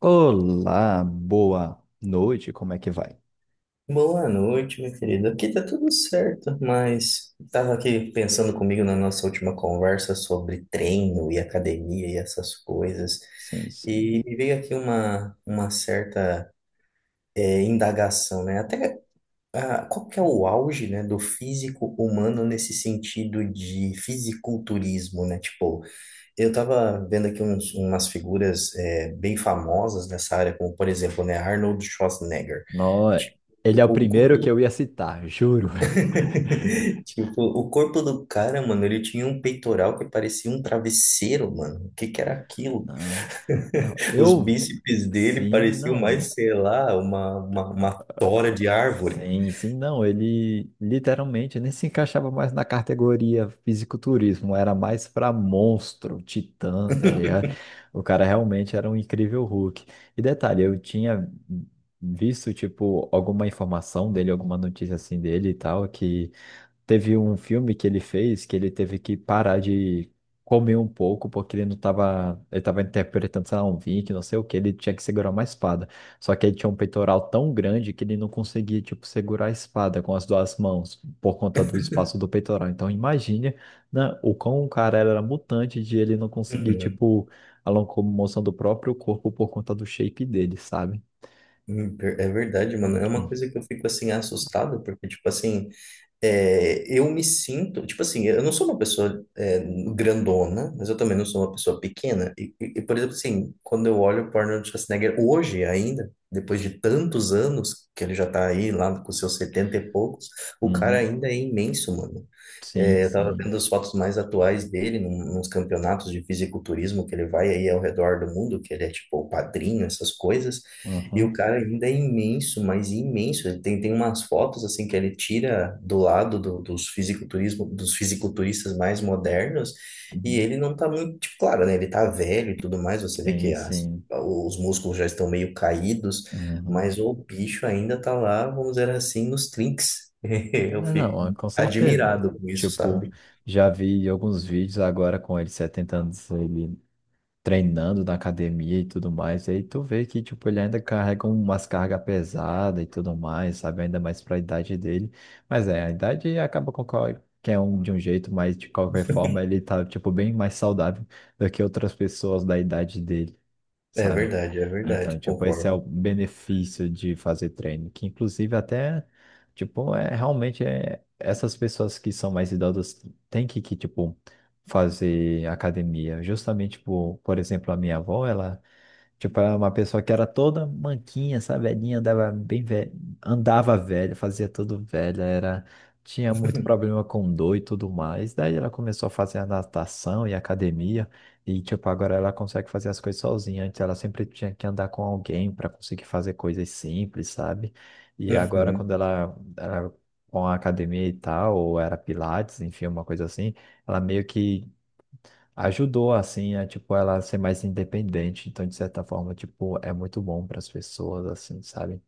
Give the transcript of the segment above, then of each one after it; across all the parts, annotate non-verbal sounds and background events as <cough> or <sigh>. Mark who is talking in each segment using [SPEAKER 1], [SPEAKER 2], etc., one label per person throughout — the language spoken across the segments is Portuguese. [SPEAKER 1] Olá, boa noite, como é que vai?
[SPEAKER 2] Boa noite, minha querida. Aqui tá tudo certo, mas tava aqui pensando comigo na nossa última conversa sobre treino e academia e essas coisas,
[SPEAKER 1] Sim, sim.
[SPEAKER 2] e me veio aqui uma certa indagação, né? Até qual que é o auge, né, do físico humano nesse sentido de fisiculturismo, né? Tipo, eu tava vendo aqui umas figuras bem famosas nessa área, como por exemplo, né, Arnold Schwarzenegger.
[SPEAKER 1] Nó- Ele é
[SPEAKER 2] Tipo,
[SPEAKER 1] o
[SPEAKER 2] o
[SPEAKER 1] primeiro que
[SPEAKER 2] corpo
[SPEAKER 1] eu ia citar, <laughs> juro.
[SPEAKER 2] <laughs> Tipo, o corpo do cara, mano, ele tinha um peitoral que parecia um travesseiro, mano. O que que era aquilo?
[SPEAKER 1] Não, não,
[SPEAKER 2] Os
[SPEAKER 1] eu.
[SPEAKER 2] bíceps dele
[SPEAKER 1] Sim,
[SPEAKER 2] pareciam
[SPEAKER 1] não.
[SPEAKER 2] mais, sei lá, uma tora de árvore.
[SPEAKER 1] Sim, sim, não. Ele literalmente nem se encaixava mais na categoria fisiculturismo, era mais pra monstro, titã, tá ligado?
[SPEAKER 2] <laughs>
[SPEAKER 1] O cara realmente era um incrível Hulk. E detalhe, eu tinha visto, tipo, alguma informação dele, alguma notícia assim dele e tal, que. Teve um filme que ele fez que ele teve que parar de comer um pouco porque ele não tava, ele tava interpretando, sei lá, um Vink, não sei o que, ele tinha que segurar uma espada. Só que ele tinha um peitoral tão grande que ele não conseguia, tipo, segurar a espada com as duas mãos por conta do espaço do peitoral. Então imagine, né, o quão o cara era mutante de ele não conseguir,
[SPEAKER 2] Uhum.
[SPEAKER 1] tipo, a locomoção do próprio corpo por conta do shape dele, sabe?
[SPEAKER 2] É verdade, mano. É uma
[SPEAKER 1] Uhum.
[SPEAKER 2] coisa que eu fico assim assustado, porque, tipo assim. Eu me sinto, tipo assim, eu não sou uma pessoa grandona, mas eu também não sou uma pessoa pequena. E, por exemplo, assim, quando eu olho o Arnold Schwarzenegger hoje ainda, depois de tantos anos que ele já tá aí, lá com seus 70 e poucos, o cara
[SPEAKER 1] Uhum.
[SPEAKER 2] ainda é imenso, mano.
[SPEAKER 1] Sim,
[SPEAKER 2] Eu estava vendo
[SPEAKER 1] sim.
[SPEAKER 2] as fotos mais atuais dele nos campeonatos de fisiculturismo que ele vai aí ao redor do mundo, que ele é tipo o padrinho, essas coisas. E o
[SPEAKER 1] Uhum.
[SPEAKER 2] cara ainda é imenso, mas imenso. Ele tem umas fotos assim que ele tira do lado dos fisiculturistas mais modernos, e
[SPEAKER 1] Uhum.
[SPEAKER 2] ele não tá muito, tipo, claro, né? Ele tá velho e tudo mais, você vê
[SPEAKER 1] Sim,
[SPEAKER 2] que as-
[SPEAKER 1] sim.
[SPEAKER 2] os músculos já estão meio caídos, mas
[SPEAKER 1] Uhum.
[SPEAKER 2] o bicho ainda tá lá, vamos dizer assim, nos trinques. <laughs>
[SPEAKER 1] É,
[SPEAKER 2] Eu fico
[SPEAKER 1] não, é, com certeza.
[SPEAKER 2] admirado com isso,
[SPEAKER 1] Tipo,
[SPEAKER 2] sabe?
[SPEAKER 1] já vi alguns vídeos agora com ele 70 anos, ele treinando na academia e tudo mais. E aí tu vê que, tipo, ele ainda carrega umas cargas pesadas e tudo mais, sabe? Ainda mais pra idade dele. Mas é, a idade acaba com qualquer um de um jeito, mas de qualquer forma ele tá, tipo, bem mais saudável do que outras pessoas da idade dele, sabe?
[SPEAKER 2] É
[SPEAKER 1] Então,
[SPEAKER 2] verdade,
[SPEAKER 1] tipo, esse é o
[SPEAKER 2] concordo.
[SPEAKER 1] benefício de fazer treino, que inclusive até, tipo, é realmente é, essas pessoas que são mais idosas têm que, tipo, fazer academia. Justamente, tipo, por exemplo, a minha avó, ela. Tipo, era uma pessoa que era toda manquinha, sabe? Velhinha, andava bem velha, andava velha, fazia tudo velha, era... tinha muito
[SPEAKER 2] <laughs>
[SPEAKER 1] problema com dor e tudo mais. Daí ela começou a fazer a natação e academia, e tipo, agora ela consegue fazer as coisas sozinha. Antes ela sempre tinha que andar com alguém para conseguir fazer coisas simples, sabe? E agora, quando
[SPEAKER 2] Uhum.
[SPEAKER 1] ela era com a academia e tal, ou era Pilates, enfim, uma coisa assim, ela meio que ajudou assim a tipo ela ser mais independente, então de certa forma, tipo, é muito bom para as pessoas assim, sabe?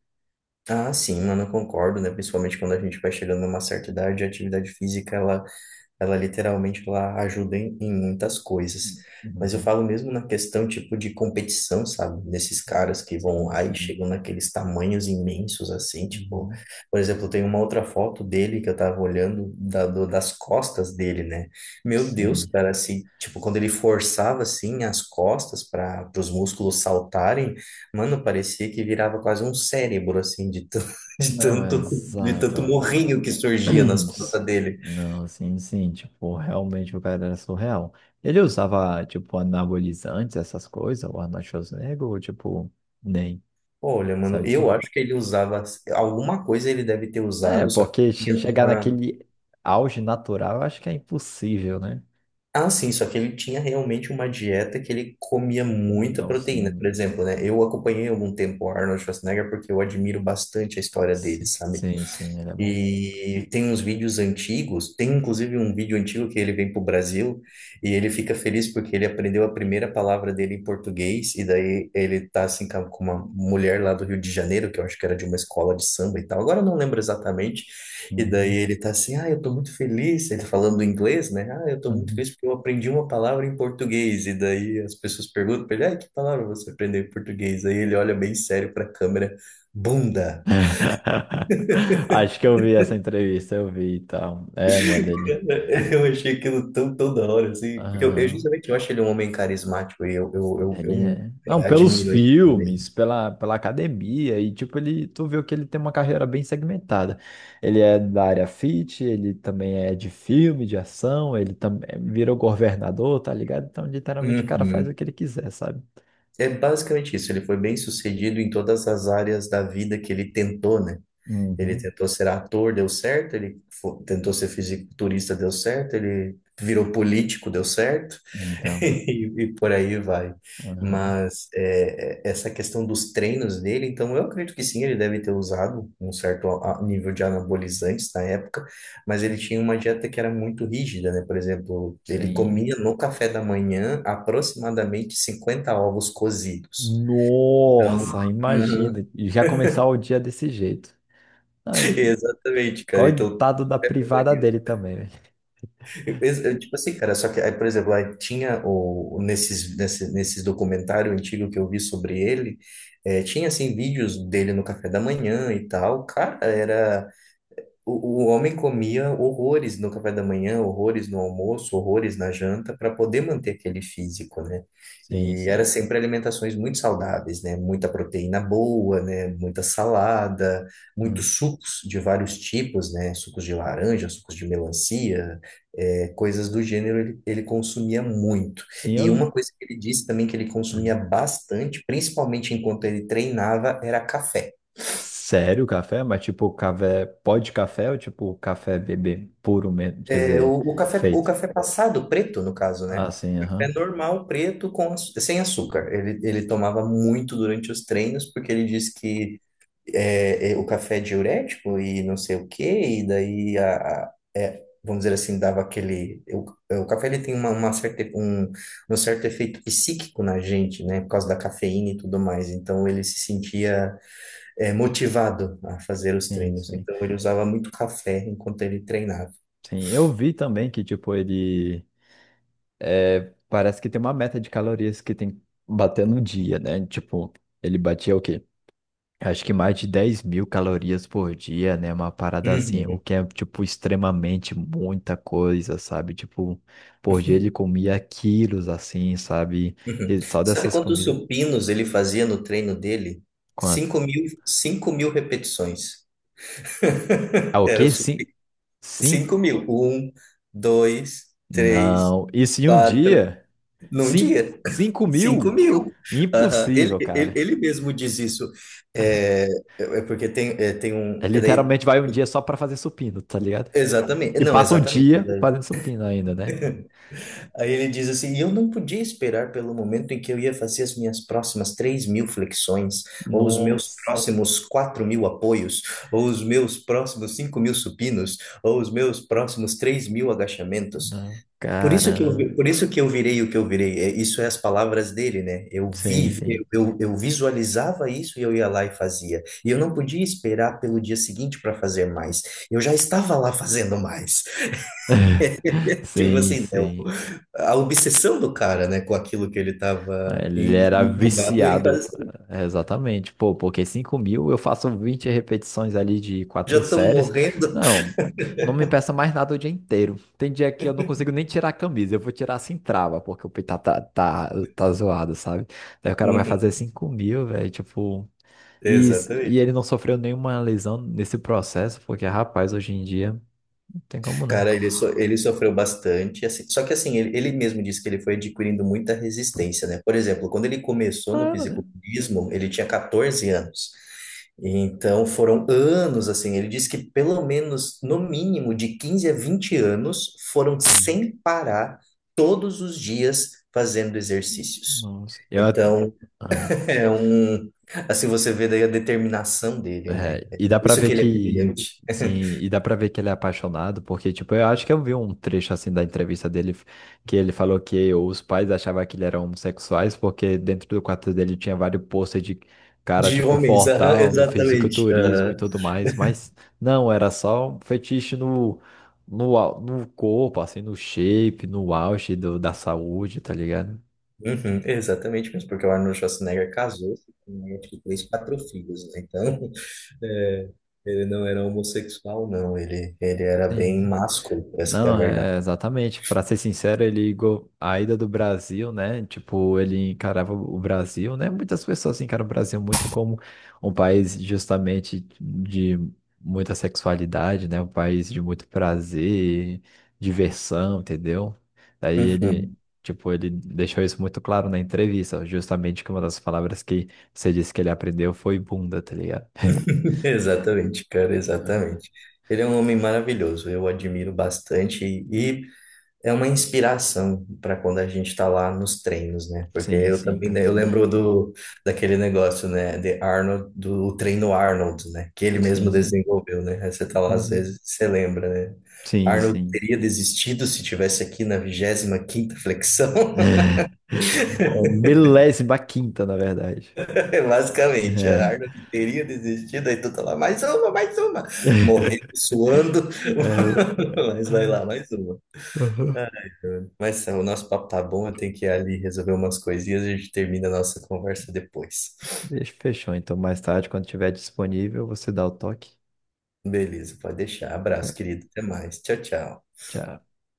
[SPEAKER 2] Ah, sim, mano, eu concordo, né? Principalmente quando a gente vai chegando numa certa idade, a atividade física, ela ela literalmente ela ajuda em muitas coisas. Mas eu
[SPEAKER 1] Uhum.
[SPEAKER 2] falo mesmo na questão tipo de competição, sabe? Desses caras que vão
[SPEAKER 1] Sim,
[SPEAKER 2] lá e
[SPEAKER 1] sim.
[SPEAKER 2] chegam naqueles tamanhos imensos assim, tipo,
[SPEAKER 1] Uhum.
[SPEAKER 2] por exemplo, tem uma outra foto dele que eu tava olhando das costas dele, né? Meu Deus,
[SPEAKER 1] Sim.
[SPEAKER 2] cara, assim, tipo, quando ele forçava assim as costas para os músculos saltarem, mano, parecia que virava quase um cérebro assim <laughs> de
[SPEAKER 1] Não,
[SPEAKER 2] tanto de tanto
[SPEAKER 1] exato,
[SPEAKER 2] morrinho
[SPEAKER 1] velho.
[SPEAKER 2] que surgia nas
[SPEAKER 1] <clears throat>
[SPEAKER 2] costas
[SPEAKER 1] Sim.
[SPEAKER 2] dele.
[SPEAKER 1] Não, sim, sim, tipo, realmente o cara era surreal. Ele usava, tipo, anabolizantes, essas coisas, o Arnold Schwarzenegger, ou, tipo, nem,
[SPEAKER 2] Olha, mano,
[SPEAKER 1] sabe? Assim?
[SPEAKER 2] eu acho que ele usava alguma coisa ele deve ter
[SPEAKER 1] É,
[SPEAKER 2] usado, só que
[SPEAKER 1] porque
[SPEAKER 2] tinha
[SPEAKER 1] chegar
[SPEAKER 2] uma.
[SPEAKER 1] naquele auge natural, eu acho que é impossível, né?
[SPEAKER 2] Ah, sim, só que ele tinha realmente uma dieta que ele comia muita
[SPEAKER 1] Não,
[SPEAKER 2] proteína.
[SPEAKER 1] sim.
[SPEAKER 2] Por exemplo, né? Eu acompanhei algum tempo o Arnold Schwarzenegger porque eu admiro bastante a história dele, sabe?
[SPEAKER 1] Sim, sim, ele é bom.
[SPEAKER 2] E tem uns vídeos antigos, tem inclusive um vídeo antigo que ele vem para o Brasil e ele fica feliz porque ele aprendeu a primeira palavra dele em português, e daí ele tá assim com uma mulher lá do Rio de Janeiro, que eu acho que era de uma escola de samba e tal, agora eu não lembro exatamente, e daí
[SPEAKER 1] Uhum,
[SPEAKER 2] ele tá assim, ah, eu tô muito feliz, ele tá falando em inglês, né? Ah, eu tô muito
[SPEAKER 1] uhum.
[SPEAKER 2] feliz porque eu aprendi uma palavra em português, e daí as pessoas perguntam pra ele, ah, que palavra você aprendeu em português? Aí ele olha bem sério para a câmera, bunda.
[SPEAKER 1] <laughs> Acho que eu vi essa entrevista, eu vi e tal. É, mano, ele.
[SPEAKER 2] <laughs> Eu achei aquilo tão, tão da hora, assim, porque eu
[SPEAKER 1] Aham,
[SPEAKER 2] justamente eu acho ele um homem carismático e eu, eu, eu, eu
[SPEAKER 1] ele
[SPEAKER 2] me-
[SPEAKER 1] é. Não,
[SPEAKER 2] eh,
[SPEAKER 1] pelos
[SPEAKER 2] admiro isso
[SPEAKER 1] filmes,
[SPEAKER 2] dele.
[SPEAKER 1] pela, pela academia, e tipo, ele, tu viu que ele tem uma carreira bem segmentada. Ele é da área fit, ele também é de filme, de ação, ele também virou governador, tá ligado? Então, literalmente, o cara faz o
[SPEAKER 2] Uhum.
[SPEAKER 1] que ele quiser, sabe?
[SPEAKER 2] É basicamente isso, ele foi bem sucedido em todas as áreas da vida que ele tentou, né? Ele
[SPEAKER 1] Uhum.
[SPEAKER 2] tentou ser ator, deu certo, ele tentou ser fisiculturista, deu certo, ele virou político, deu certo. <laughs>
[SPEAKER 1] Então,
[SPEAKER 2] E, e por aí vai.
[SPEAKER 1] aham,
[SPEAKER 2] Mas é, é, essa questão dos treinos dele, então eu acredito que sim, ele deve ter usado um certo nível de anabolizantes na época, mas ele tinha uma dieta que era muito rígida, né? Por exemplo, ele
[SPEAKER 1] sim.
[SPEAKER 2] comia no café da manhã aproximadamente 50 ovos cozidos. Então,
[SPEAKER 1] Nossa,
[SPEAKER 2] Uhum.
[SPEAKER 1] imagina. E já começar o dia desse jeito. Ai,
[SPEAKER 2] <laughs>
[SPEAKER 1] né?
[SPEAKER 2] Exatamente, cara. Então,
[SPEAKER 1] Coitado da privada dele também, velho.
[SPEAKER 2] eu penso- eu, tipo assim, cara, só que, aí, por exemplo, aí tinha nesses documentário antigo que eu vi sobre ele, tinha, assim, vídeos dele no café da manhã e tal. Cara, era. O homem comia horrores no café da manhã, horrores no almoço, horrores na janta, para poder manter aquele físico, né?
[SPEAKER 1] Sim,
[SPEAKER 2] E era
[SPEAKER 1] sim.
[SPEAKER 2] sempre alimentações muito saudáveis, né? Muita proteína boa, né? Muita salada,
[SPEAKER 1] Hum.
[SPEAKER 2] muitos sucos de vários tipos, né? Sucos de laranja, sucos de melancia, coisas do gênero ele, ele consumia muito.
[SPEAKER 1] Sim,
[SPEAKER 2] E uma
[SPEAKER 1] eu.
[SPEAKER 2] coisa que ele disse também que ele consumia
[SPEAKER 1] Hum.
[SPEAKER 2] bastante, principalmente enquanto ele treinava, era café.
[SPEAKER 1] Sério, café? Mas tipo, café. Pó de café ou tipo café bebê puro mesmo? Quer
[SPEAKER 2] É o,
[SPEAKER 1] dizer,
[SPEAKER 2] o café, o
[SPEAKER 1] feito.
[SPEAKER 2] café passado preto, no caso, né?
[SPEAKER 1] Ah, sim,
[SPEAKER 2] Café
[SPEAKER 1] aham.
[SPEAKER 2] normal, preto, sem açúcar. Ele tomava muito durante os treinos, porque ele diz que o café é diurético e não sei o quê, e daí, vamos dizer assim, dava aquele. O café ele tem um certo efeito psíquico na gente, né? Por causa da cafeína e tudo mais. Então, ele se sentia motivado a fazer os
[SPEAKER 1] Sim,
[SPEAKER 2] treinos.
[SPEAKER 1] sim.
[SPEAKER 2] Então, ele usava muito café enquanto ele treinava.
[SPEAKER 1] Sim, eu vi também que tipo, ele. É, parece que tem uma meta de calorias que tem que bater no dia, né? Tipo, ele batia o quê? Acho que mais de 10.000 calorias por dia, né? Uma parada assim,
[SPEAKER 2] Uhum.
[SPEAKER 1] o que é, tipo, extremamente muita coisa, sabe? Tipo, por dia ele comia quilos, assim, sabe?
[SPEAKER 2] Uhum.
[SPEAKER 1] E só
[SPEAKER 2] Sabe
[SPEAKER 1] dessas
[SPEAKER 2] quantos
[SPEAKER 1] comidas.
[SPEAKER 2] supinos ele fazia no treino dele?
[SPEAKER 1] Quanto?
[SPEAKER 2] 5.000, 5.000 repetições.
[SPEAKER 1] Ah,
[SPEAKER 2] <laughs>
[SPEAKER 1] o
[SPEAKER 2] Era o
[SPEAKER 1] quê? Sim,
[SPEAKER 2] supino.
[SPEAKER 1] sim?
[SPEAKER 2] 5.000. Um, dois, três,
[SPEAKER 1] Não. Isso em um
[SPEAKER 2] quatro.
[SPEAKER 1] dia?
[SPEAKER 2] Num
[SPEAKER 1] Sim,
[SPEAKER 2] dia. <laughs>
[SPEAKER 1] 5
[SPEAKER 2] Cinco
[SPEAKER 1] mil?
[SPEAKER 2] mil. Aham. Ele,
[SPEAKER 1] Impossível,
[SPEAKER 2] ele,
[SPEAKER 1] cara.
[SPEAKER 2] ele mesmo diz isso. É, é, porque tem, tem um.
[SPEAKER 1] É,
[SPEAKER 2] Porque daí,
[SPEAKER 1] literalmente vai um dia só pra fazer supino, tá ligado?
[SPEAKER 2] exatamente.
[SPEAKER 1] E
[SPEAKER 2] Não,
[SPEAKER 1] passa o
[SPEAKER 2] exatamente.
[SPEAKER 1] dia fazendo supino ainda, né?
[SPEAKER 2] Aí ele diz assim: e eu não podia esperar pelo momento em que eu ia fazer as minhas próximas 3.000 flexões, ou os meus
[SPEAKER 1] Nossa.
[SPEAKER 2] próximos 4.000 apoios, ou os meus próximos 5.000 supinos, ou os meus próximos 3.000 agachamentos.
[SPEAKER 1] Não,
[SPEAKER 2] Por isso que eu
[SPEAKER 1] cara.
[SPEAKER 2] por isso que eu virei o que eu virei. É, isso é as palavras dele, né? Eu
[SPEAKER 1] Sim,
[SPEAKER 2] vi,
[SPEAKER 1] sim.
[SPEAKER 2] eu, eu visualizava isso e eu ia lá e fazia. E eu não podia esperar pelo dia seguinte para fazer mais. Eu já estava lá fazendo mais. Tipo
[SPEAKER 1] Sim,
[SPEAKER 2] assim, né, o-
[SPEAKER 1] sim.
[SPEAKER 2] a obsessão do cara, né, com aquilo que ele estava
[SPEAKER 1] Ele era
[SPEAKER 2] empolgado e
[SPEAKER 1] viciado, é, exatamente. Pô, porque 5.000 eu faço 20 repetições ali de
[SPEAKER 2] já
[SPEAKER 1] 4
[SPEAKER 2] estão
[SPEAKER 1] séries.
[SPEAKER 2] morrendo. <laughs>
[SPEAKER 1] Não, não me peça mais nada o dia inteiro. Tem dia que eu não consigo nem tirar a camisa, eu vou tirar sem trava, porque o peito tá zoado, sabe? Daí o cara vai
[SPEAKER 2] Uhum,
[SPEAKER 1] fazer 5.000, velho, tipo. E, e ele
[SPEAKER 2] exatamente.
[SPEAKER 1] não sofreu nenhuma lesão nesse processo, porque, rapaz, hoje em dia não tem como não.
[SPEAKER 2] Cara, ele, ele sofreu bastante, assim, só que assim, ele mesmo disse que ele foi adquirindo muita resistência, né? Por exemplo, quando ele começou no
[SPEAKER 1] Claro, né?
[SPEAKER 2] fisiculturismo, ele tinha 14 anos. Então foram anos, assim, ele disse que pelo menos, no mínimo, de 15 a 20 anos, foram
[SPEAKER 1] Hum,
[SPEAKER 2] sem parar, todos os dias, fazendo exercícios.
[SPEAKER 1] nossa.
[SPEAKER 2] Então, <laughs> é um. Assim, você vê daí a determinação dele, né?
[SPEAKER 1] É,
[SPEAKER 2] É
[SPEAKER 1] e dá pra
[SPEAKER 2] isso que
[SPEAKER 1] ver
[SPEAKER 2] ele é
[SPEAKER 1] que.
[SPEAKER 2] brilhante.
[SPEAKER 1] Sim,
[SPEAKER 2] <laughs>
[SPEAKER 1] e dá pra ver que ele é apaixonado, porque, tipo, eu acho que eu vi um trecho assim da entrevista dele, que ele falou que os pais achavam que ele era homossexuais, porque dentro do quarto dele tinha vários posters de cara,
[SPEAKER 2] De
[SPEAKER 1] tipo,
[SPEAKER 2] homens, aham,
[SPEAKER 1] fortão, do
[SPEAKER 2] exatamente.
[SPEAKER 1] fisiculturismo e tudo mais, mas não, era só um fetiche no corpo, assim, no shape, no auge do, da saúde, tá ligado?
[SPEAKER 2] Uhum, exatamente mesmo, porque o Arnold Schwarzenegger casou-se com acho que três, quatro filhos, né? Então, <laughs> é, ele não era homossexual, não, ele era
[SPEAKER 1] Sim,
[SPEAKER 2] bem
[SPEAKER 1] sim.
[SPEAKER 2] másculo, essa que é a
[SPEAKER 1] Não,
[SPEAKER 2] verdade.
[SPEAKER 1] é exatamente. Para ser sincero, a ida do Brasil, né? Tipo, ele encarava o Brasil, né? Muitas pessoas encaram o Brasil muito como um país justamente de muita sexualidade, né? Um país de muito prazer, diversão, entendeu? Daí ele,
[SPEAKER 2] Uhum,
[SPEAKER 1] tipo, ele deixou isso muito claro na entrevista, justamente que uma das palavras que você disse que ele aprendeu foi bunda, tá ligado?
[SPEAKER 2] <laughs> Exatamente, cara,
[SPEAKER 1] Uhum.
[SPEAKER 2] exatamente. Ele é um homem maravilhoso, eu o admiro bastante e é uma inspiração para quando a gente está lá nos treinos, né? Porque
[SPEAKER 1] Sim,
[SPEAKER 2] eu
[SPEAKER 1] sim,
[SPEAKER 2] também,
[SPEAKER 1] com
[SPEAKER 2] né, eu
[SPEAKER 1] certeza.
[SPEAKER 2] lembro do daquele negócio, né, de Arnold, do treino Arnold, né? Que ele
[SPEAKER 1] Sim,
[SPEAKER 2] mesmo
[SPEAKER 1] sim.
[SPEAKER 2] desenvolveu, né? Aí você tá lá às
[SPEAKER 1] Uhum.
[SPEAKER 2] vezes, você lembra, né?
[SPEAKER 1] Sim,
[SPEAKER 2] Arnold
[SPEAKER 1] sim.
[SPEAKER 2] teria desistido se tivesse aqui na 25ª flexão,
[SPEAKER 1] <laughs> Ou milésima quinta, na verdade.
[SPEAKER 2] <laughs> basicamente.
[SPEAKER 1] É.
[SPEAKER 2] Arnold teria desistido, aí tu tá lá, mais uma, mais uma. Morrendo,
[SPEAKER 1] <laughs>
[SPEAKER 2] suando,
[SPEAKER 1] É.
[SPEAKER 2] <laughs> mas vai
[SPEAKER 1] Ah,
[SPEAKER 2] lá, mais uma.
[SPEAKER 1] aham.
[SPEAKER 2] Mas Sam, o nosso papo tá bom, eu tenho que ir ali resolver umas coisinhas e a gente termina a nossa conversa depois.
[SPEAKER 1] Deixa, fechou, então mais tarde, quando tiver disponível, você dá o toque.
[SPEAKER 2] Beleza, pode deixar.
[SPEAKER 1] Tá
[SPEAKER 2] Abraço,
[SPEAKER 1] bom,
[SPEAKER 2] querido. Até mais. Tchau, tchau.
[SPEAKER 1] tchau.